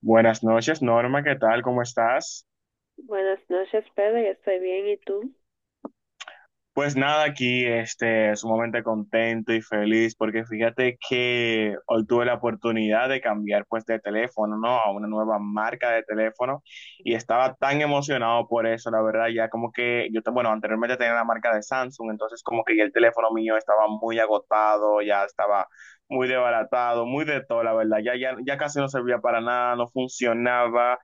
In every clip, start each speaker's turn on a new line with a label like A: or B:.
A: Buenas noches, Norma, ¿qué tal? ¿Cómo estás?
B: Buenas noches, Pedro. Yo estoy bien. ¿Y tú?
A: Pues nada, aquí sumamente contento y feliz porque fíjate que hoy tuve la oportunidad de cambiar pues de teléfono, ¿no? A una nueva marca de teléfono y estaba tan emocionado por eso, la verdad, ya como que yo, bueno, anteriormente tenía la marca de Samsung, entonces como que ya el teléfono mío estaba muy agotado, ya estaba muy desbaratado, muy de todo, la verdad, ya casi no servía para nada, no funcionaba.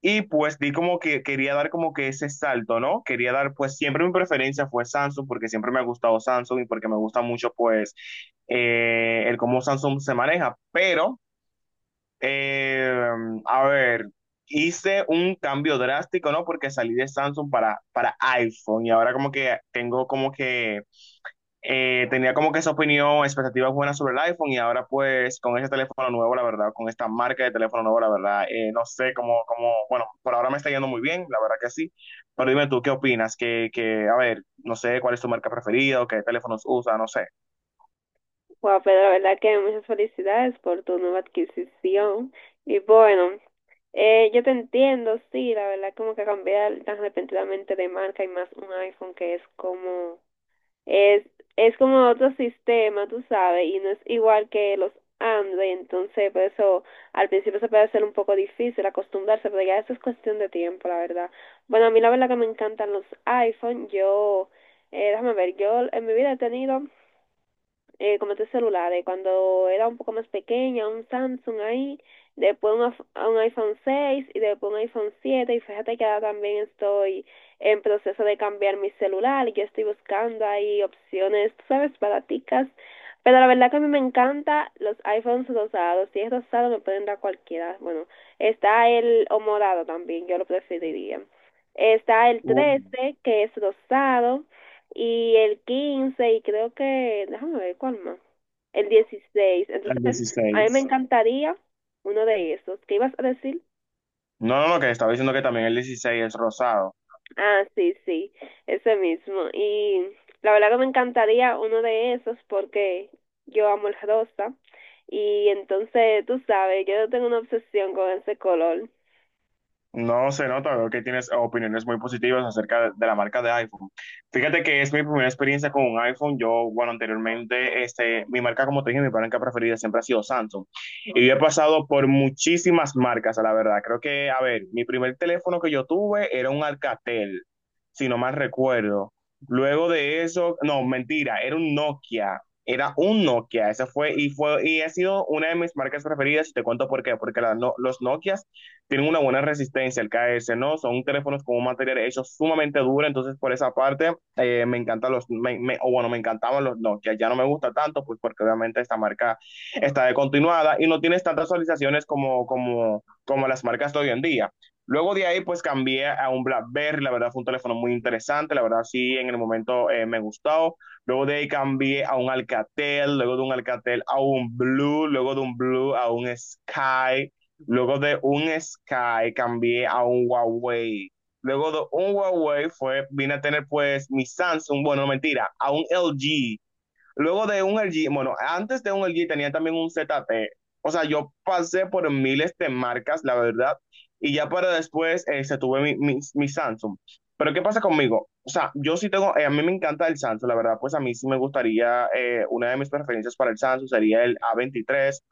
A: Y pues di como que quería dar como que ese salto, ¿no? Quería dar, pues siempre mi preferencia fue Samsung porque siempre me ha gustado Samsung y porque me gusta mucho pues el cómo Samsung se maneja. Pero, eh, a ver, hice un cambio drástico, ¿no? Porque salí de Samsung para iPhone y ahora como que tengo como que tenía como que esa opinión, expectativas buenas sobre el iPhone y ahora pues con ese teléfono nuevo, la verdad, con esta marca de teléfono nuevo, la verdad, no sé cómo, bueno, por ahora me está yendo muy bien, la verdad que sí, pero dime tú, ¿qué opinas? Que, a ver, no sé cuál es tu marca preferida o qué teléfonos usa, no sé.
B: Wow, Pedro, la verdad que muchas felicidades por tu nueva adquisición. Y bueno, yo te entiendo, sí, la verdad como que cambiar tan repentinamente de marca y más un iPhone que es como. Es, es como otro sistema, tú sabes, y no es igual que los Android, entonces por eso al principio se puede hacer un poco difícil acostumbrarse, pero ya eso es cuestión de tiempo, la verdad. Bueno, a mí la verdad que me encantan los iPhone, yo, déjame ver, yo en mi vida he tenido como tres celulares. Cuando era un poco más pequeña, un Samsung ahí, después un iPhone 6 y después un iPhone 7. Y fíjate que ahora también estoy en proceso de cambiar mi celular y yo estoy buscando ahí opciones, tú sabes, baraticas. Pero la verdad que a mí me encanta los iPhones rosados. Si es rosado, me pueden dar cualquiera. Bueno, está el o morado también, yo lo preferiría. Está el
A: Uh,
B: 13 que es rosado y el 15 y creo que, déjame ver cuál más, el 16.
A: el
B: Entonces, a mí me
A: 16.
B: encantaría uno de esos. ¿Qué ibas a decir?
A: No, no, no, que estaba diciendo que también el 16 es rosado.
B: Ah, sí, sí, ese mismo. Y la verdad que me encantaría uno de esos porque yo amo el rosa y entonces, tú sabes, yo tengo una obsesión con ese color.
A: No se nota, veo que tienes opiniones muy positivas acerca de la marca de iPhone. Fíjate que es mi primera experiencia con un iPhone. Yo, bueno, anteriormente, mi marca, como te dije, mi marca preferida siempre ha sido Samsung. Y yo he pasado por muchísimas marcas, a la verdad. Creo que, a ver, mi primer teléfono que yo tuve era un Alcatel, si no mal recuerdo. Luego de eso, no, mentira, era un Nokia. Era un Nokia, esa fue y fue y ha sido una de mis marcas preferidas y te cuento por qué, porque la no- los Nokias tienen una buena resistencia al caerse, ¿no? Son teléfonos con un material hecho sumamente duro, entonces por esa parte me encantan los, o bueno, me encantaban los Nokia, ya no me gusta tanto, pues porque obviamente esta marca está descontinuada y no tienes tantas actualizaciones como las marcas de hoy en día. Luego de ahí, pues cambié a un BlackBerry, la verdad fue un teléfono muy interesante, la verdad sí, en el momento me gustó. Luego de ahí cambié a un Alcatel, luego de un Alcatel a un Blue, luego de un Blue a un Sky. Luego de un Sky cambié a un Huawei. Luego de un Huawei fue, vine a tener pues mi Samsung, bueno, no, mentira, a un LG. Luego de un LG, bueno, antes de un LG tenía también un ZT. O sea, yo pasé por miles de marcas, la verdad, y ya para después se tuve mi Samsung. Pero ¿qué pasa conmigo? O sea, yo sí tengo, a mí me encanta el Samsung, la verdad, pues a mí sí me gustaría, una de mis preferencias para el Samsung sería el a 23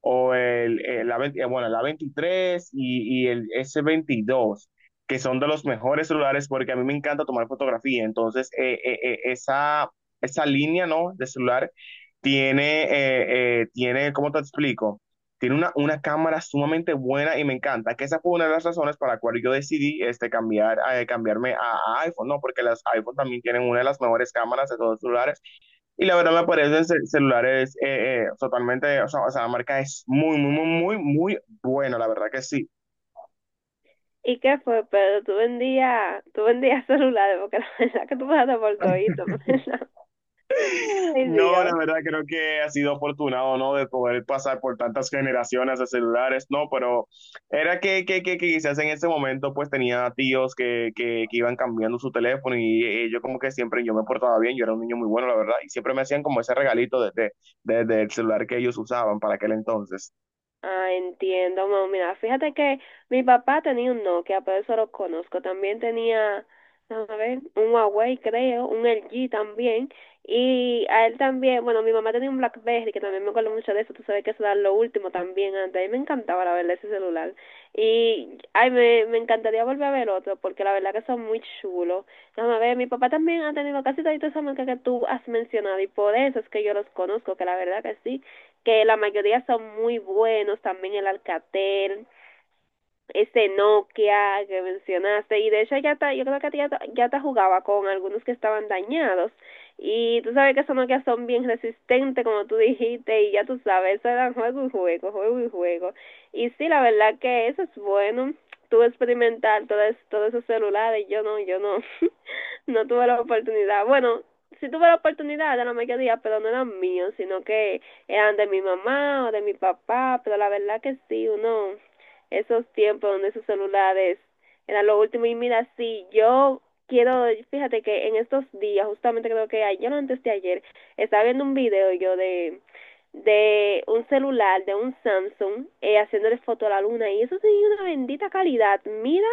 A: o el, la, 20 bueno, la 23 y el s 22, que son de los mejores celulares porque a mí me encanta tomar fotografía. Entonces, esa línea, ¿no? De celular tiene, tiene, ¿cómo te explico? Tiene una cámara sumamente buena y me encanta, que esa fue una de las razones para la cual yo decidí cambiar, cambiarme a iPhone, ¿no? Porque las iPhone también tienen una de las mejores cámaras de todos los celulares. Y la verdad, la apariencia del celular es totalmente, o sea, la marca es muy, muy, muy, muy, muy buena, la verdad que sí.
B: ¿Y qué fue, Pedro? Tú vendías celulares porque la verdad que tú me has por todito, ¿verdad? Ay,
A: No, la
B: Dios.
A: verdad creo que ha sido afortunado, ¿no? De poder pasar por tantas generaciones de celulares, ¿no? Pero era que quizás en ese momento pues tenía tíos que iban cambiando su teléfono y, yo como que siempre yo me portaba bien, yo era un niño muy bueno, la verdad, y siempre me hacían como ese regalito del celular que ellos usaban para aquel entonces.
B: Ah, entiendo, mamá. Mira, fíjate que mi papá tenía un Nokia, por eso lo conozco. También tenía, a ver, un Huawei, creo, un LG también. Y a él también, bueno, mi mamá tenía un BlackBerry, que también me acuerdo mucho de eso. Tú sabes que eso era lo último también antes. A mí me encantaba, la verdad, ese celular. Y, ay, me encantaría volver a ver otro, porque la verdad que son muy chulos. Déjame ver, mi papá también ha tenido casi todas esas marcas que tú has mencionado, y por eso es que yo los conozco, que la verdad que sí, que la mayoría son muy buenos, también el Alcatel, este Nokia que mencionaste. Y de hecho ya yo creo que ya, ya te jugaba con algunos que estaban dañados, y tú sabes que esos Nokia son bien resistentes como tú dijiste, y ya tú sabes, eso era juego y juego, juego y juego, y sí, la verdad que eso es bueno. Tuve experimentar todos esos celulares. Yo no no tuve la oportunidad. Bueno, sí tuve la oportunidad de la mayoría, pero no eran míos, sino que eran de mi mamá o de mi papá, pero la verdad que sí, uno esos tiempos donde esos celulares eran lo último. Y mira, sí, yo quiero, fíjate que en estos días, justamente creo que ayer, no, antes de ayer, estaba viendo un video yo de un celular, de un Samsung, haciéndole foto a la luna y eso tenía una bendita calidad, mira,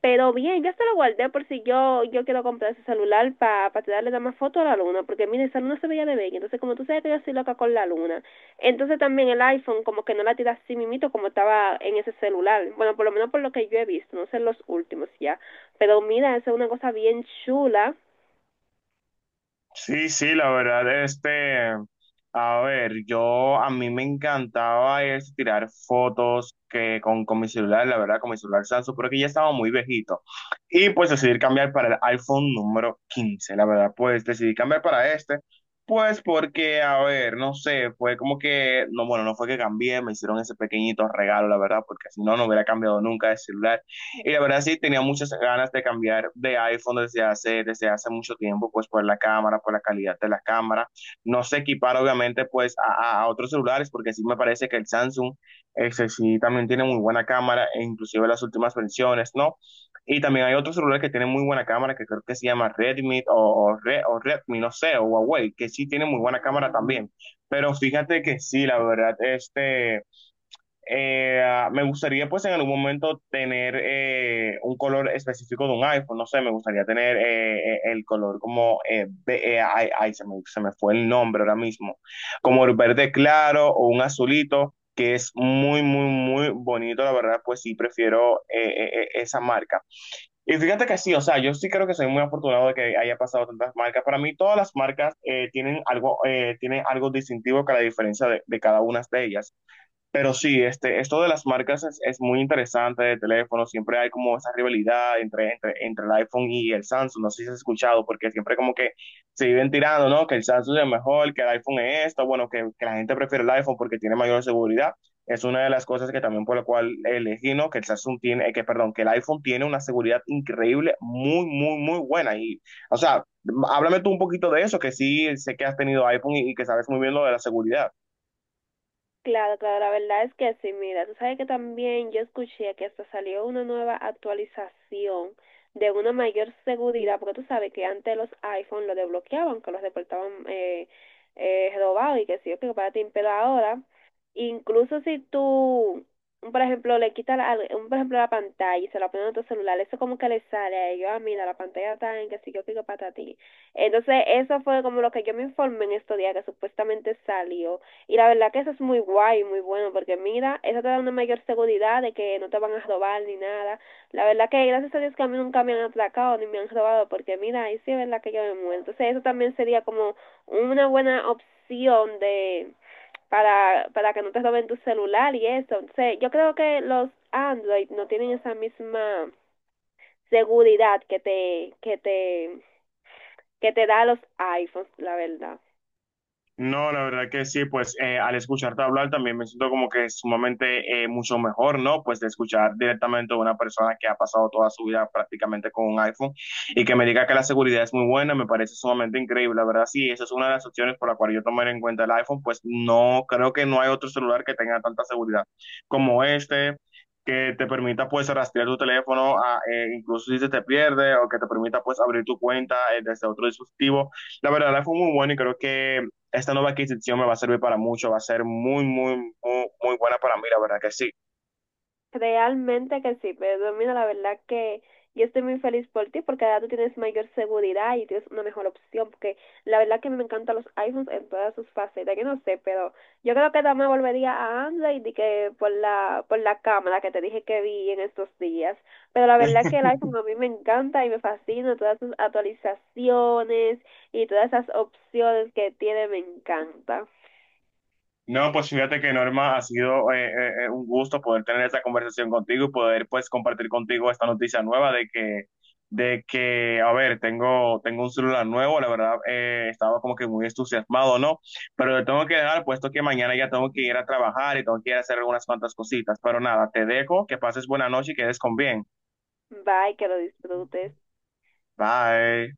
B: pero bien, ya se lo guardé por si yo quiero comprar ese celular para pa tirarle más foto a la luna, porque mira, esa luna se veía de bella, entonces como tú sabes que yo soy loca con la luna, entonces también el iPhone como que no la tira así mimito como estaba en ese celular. Bueno, por lo menos por lo que yo he visto, no sé los últimos ya. Pero mira, esa es una cosa bien chula.
A: Sí, sí, la verdad, a ver, yo, a mí me encantaba es tirar fotos que con mi celular, la verdad, con mi celular Samsung, pero que ya estaba muy viejito. Y pues decidí cambiar para el iPhone número 15, la verdad, pues decidí cambiar para pues porque, a ver, no sé, fue como que, no, bueno, no fue que cambié, me hicieron ese pequeñito regalo, la verdad, porque si no, no hubiera cambiado nunca de celular. Y la verdad sí, tenía muchas ganas de cambiar de iPhone desde hace mucho tiempo, pues por la cámara, por la calidad de la cámara. No se equipara obviamente pues a otros celulares, porque sí me parece que el Samsung ese sí también tiene muy buena cámara, e inclusive las últimas versiones, ¿no? Y también hay otros celulares que tienen muy buena cámara, que creo que se llama Redmi o Redmi, no sé, o Huawei, que sí tienen muy buena cámara también. Pero fíjate que sí, la verdad, me gustaría pues en algún momento tener un color específico de un iPhone, no sé, me gustaría tener el color como, ay, ay, se me fue el nombre ahora mismo, como el verde claro o un azulito, que es muy, muy, muy bonito, la verdad, pues sí, prefiero esa marca. Y fíjate que sí, o sea, yo sí creo que soy muy afortunado de que haya pasado tantas marcas. Para mí todas las marcas tienen algo distintivo que la diferencia de cada una de ellas. Pero sí, esto de las marcas es muy interesante de teléfono. Siempre hay como esa rivalidad entre el iPhone y el Samsung. No sé si has escuchado, porque siempre como que se viven tirando, ¿no? Que el Samsung es mejor, que el iPhone es esto. Bueno, que la gente prefiere el iPhone porque tiene mayor seguridad. Es una de las cosas que también por la cual elegí, ¿no? Que el Samsung tiene, que perdón, que el iPhone tiene una seguridad increíble, muy, muy, muy buena. Y, o sea, háblame tú un poquito de eso, que sí sé que has tenido iPhone y que sabes muy bien lo de la seguridad.
B: Claro, claro, la verdad es que sí, mira, tú sabes que también yo escuché que hasta salió una nueva actualización de una mayor seguridad, porque tú sabes que antes los iPhone los desbloqueaban, que los reportaban robados y que sí, que para ti, pero ahora, incluso si tú, por ejemplo, le quitas, por ejemplo, la pantalla y se la ponen a tu celular, eso como que le sale a ellos, ah, mira, la pantalla está en que sí, yo pico para ti. Entonces, eso fue como lo que yo me informé en estos días, que supuestamente salió. Y la verdad que eso es muy guay, muy bueno, porque mira, eso te da una mayor seguridad de que no te van a robar ni nada. La verdad que gracias a Dios que a mí nunca me han atracado ni me han robado, porque mira, ahí sí es verdad que yo me muero. Entonces eso también sería como una buena opción de para que no te roben tu celular y eso. Entonces yo creo que los Android no tienen esa misma seguridad que te da los iPhones, la verdad.
A: No, la verdad que sí, pues al escucharte hablar también me siento como que es sumamente mucho mejor, ¿no? Pues de escuchar directamente a una persona que ha pasado toda su vida prácticamente con un iPhone y que me diga que la seguridad es muy buena, me parece sumamente increíble, la verdad sí, esa es una de las opciones por la cual yo tomaré en cuenta el iPhone, pues no, creo que no hay otro celular que tenga tanta seguridad como este, que te permita pues rastrear tu teléfono, incluso si se te pierde, o que te permita pues abrir tu cuenta desde otro dispositivo. La verdad, fue muy bueno y creo que esta nueva adquisición me va a servir para mucho, va a ser muy, muy, muy, muy buena para mí, la verdad que sí.
B: Realmente que sí, pero mira, la verdad que yo estoy muy feliz por ti porque ahora tú tienes mayor seguridad y tienes una mejor opción porque la verdad que me encantan los iPhones en todas sus facetas, yo no sé, pero yo creo que también volvería a Android y que por la cámara que te dije que vi en estos días, pero la verdad que el iPhone a mí me encanta y me fascina, todas sus actualizaciones y todas esas opciones que tiene me encanta.
A: No, pues fíjate que Norma, ha sido un gusto poder tener esta conversación contigo y poder pues compartir contigo esta noticia nueva de que, a ver, tengo un celular nuevo, la verdad estaba como que muy entusiasmado, ¿no? Pero le tengo que dejar, puesto que mañana ya tengo que ir a trabajar y tengo que ir a hacer algunas cuantas cositas, pero nada, te dejo, que pases buena noche y quedes con bien.
B: Bye, que lo disfrutes.
A: Bye.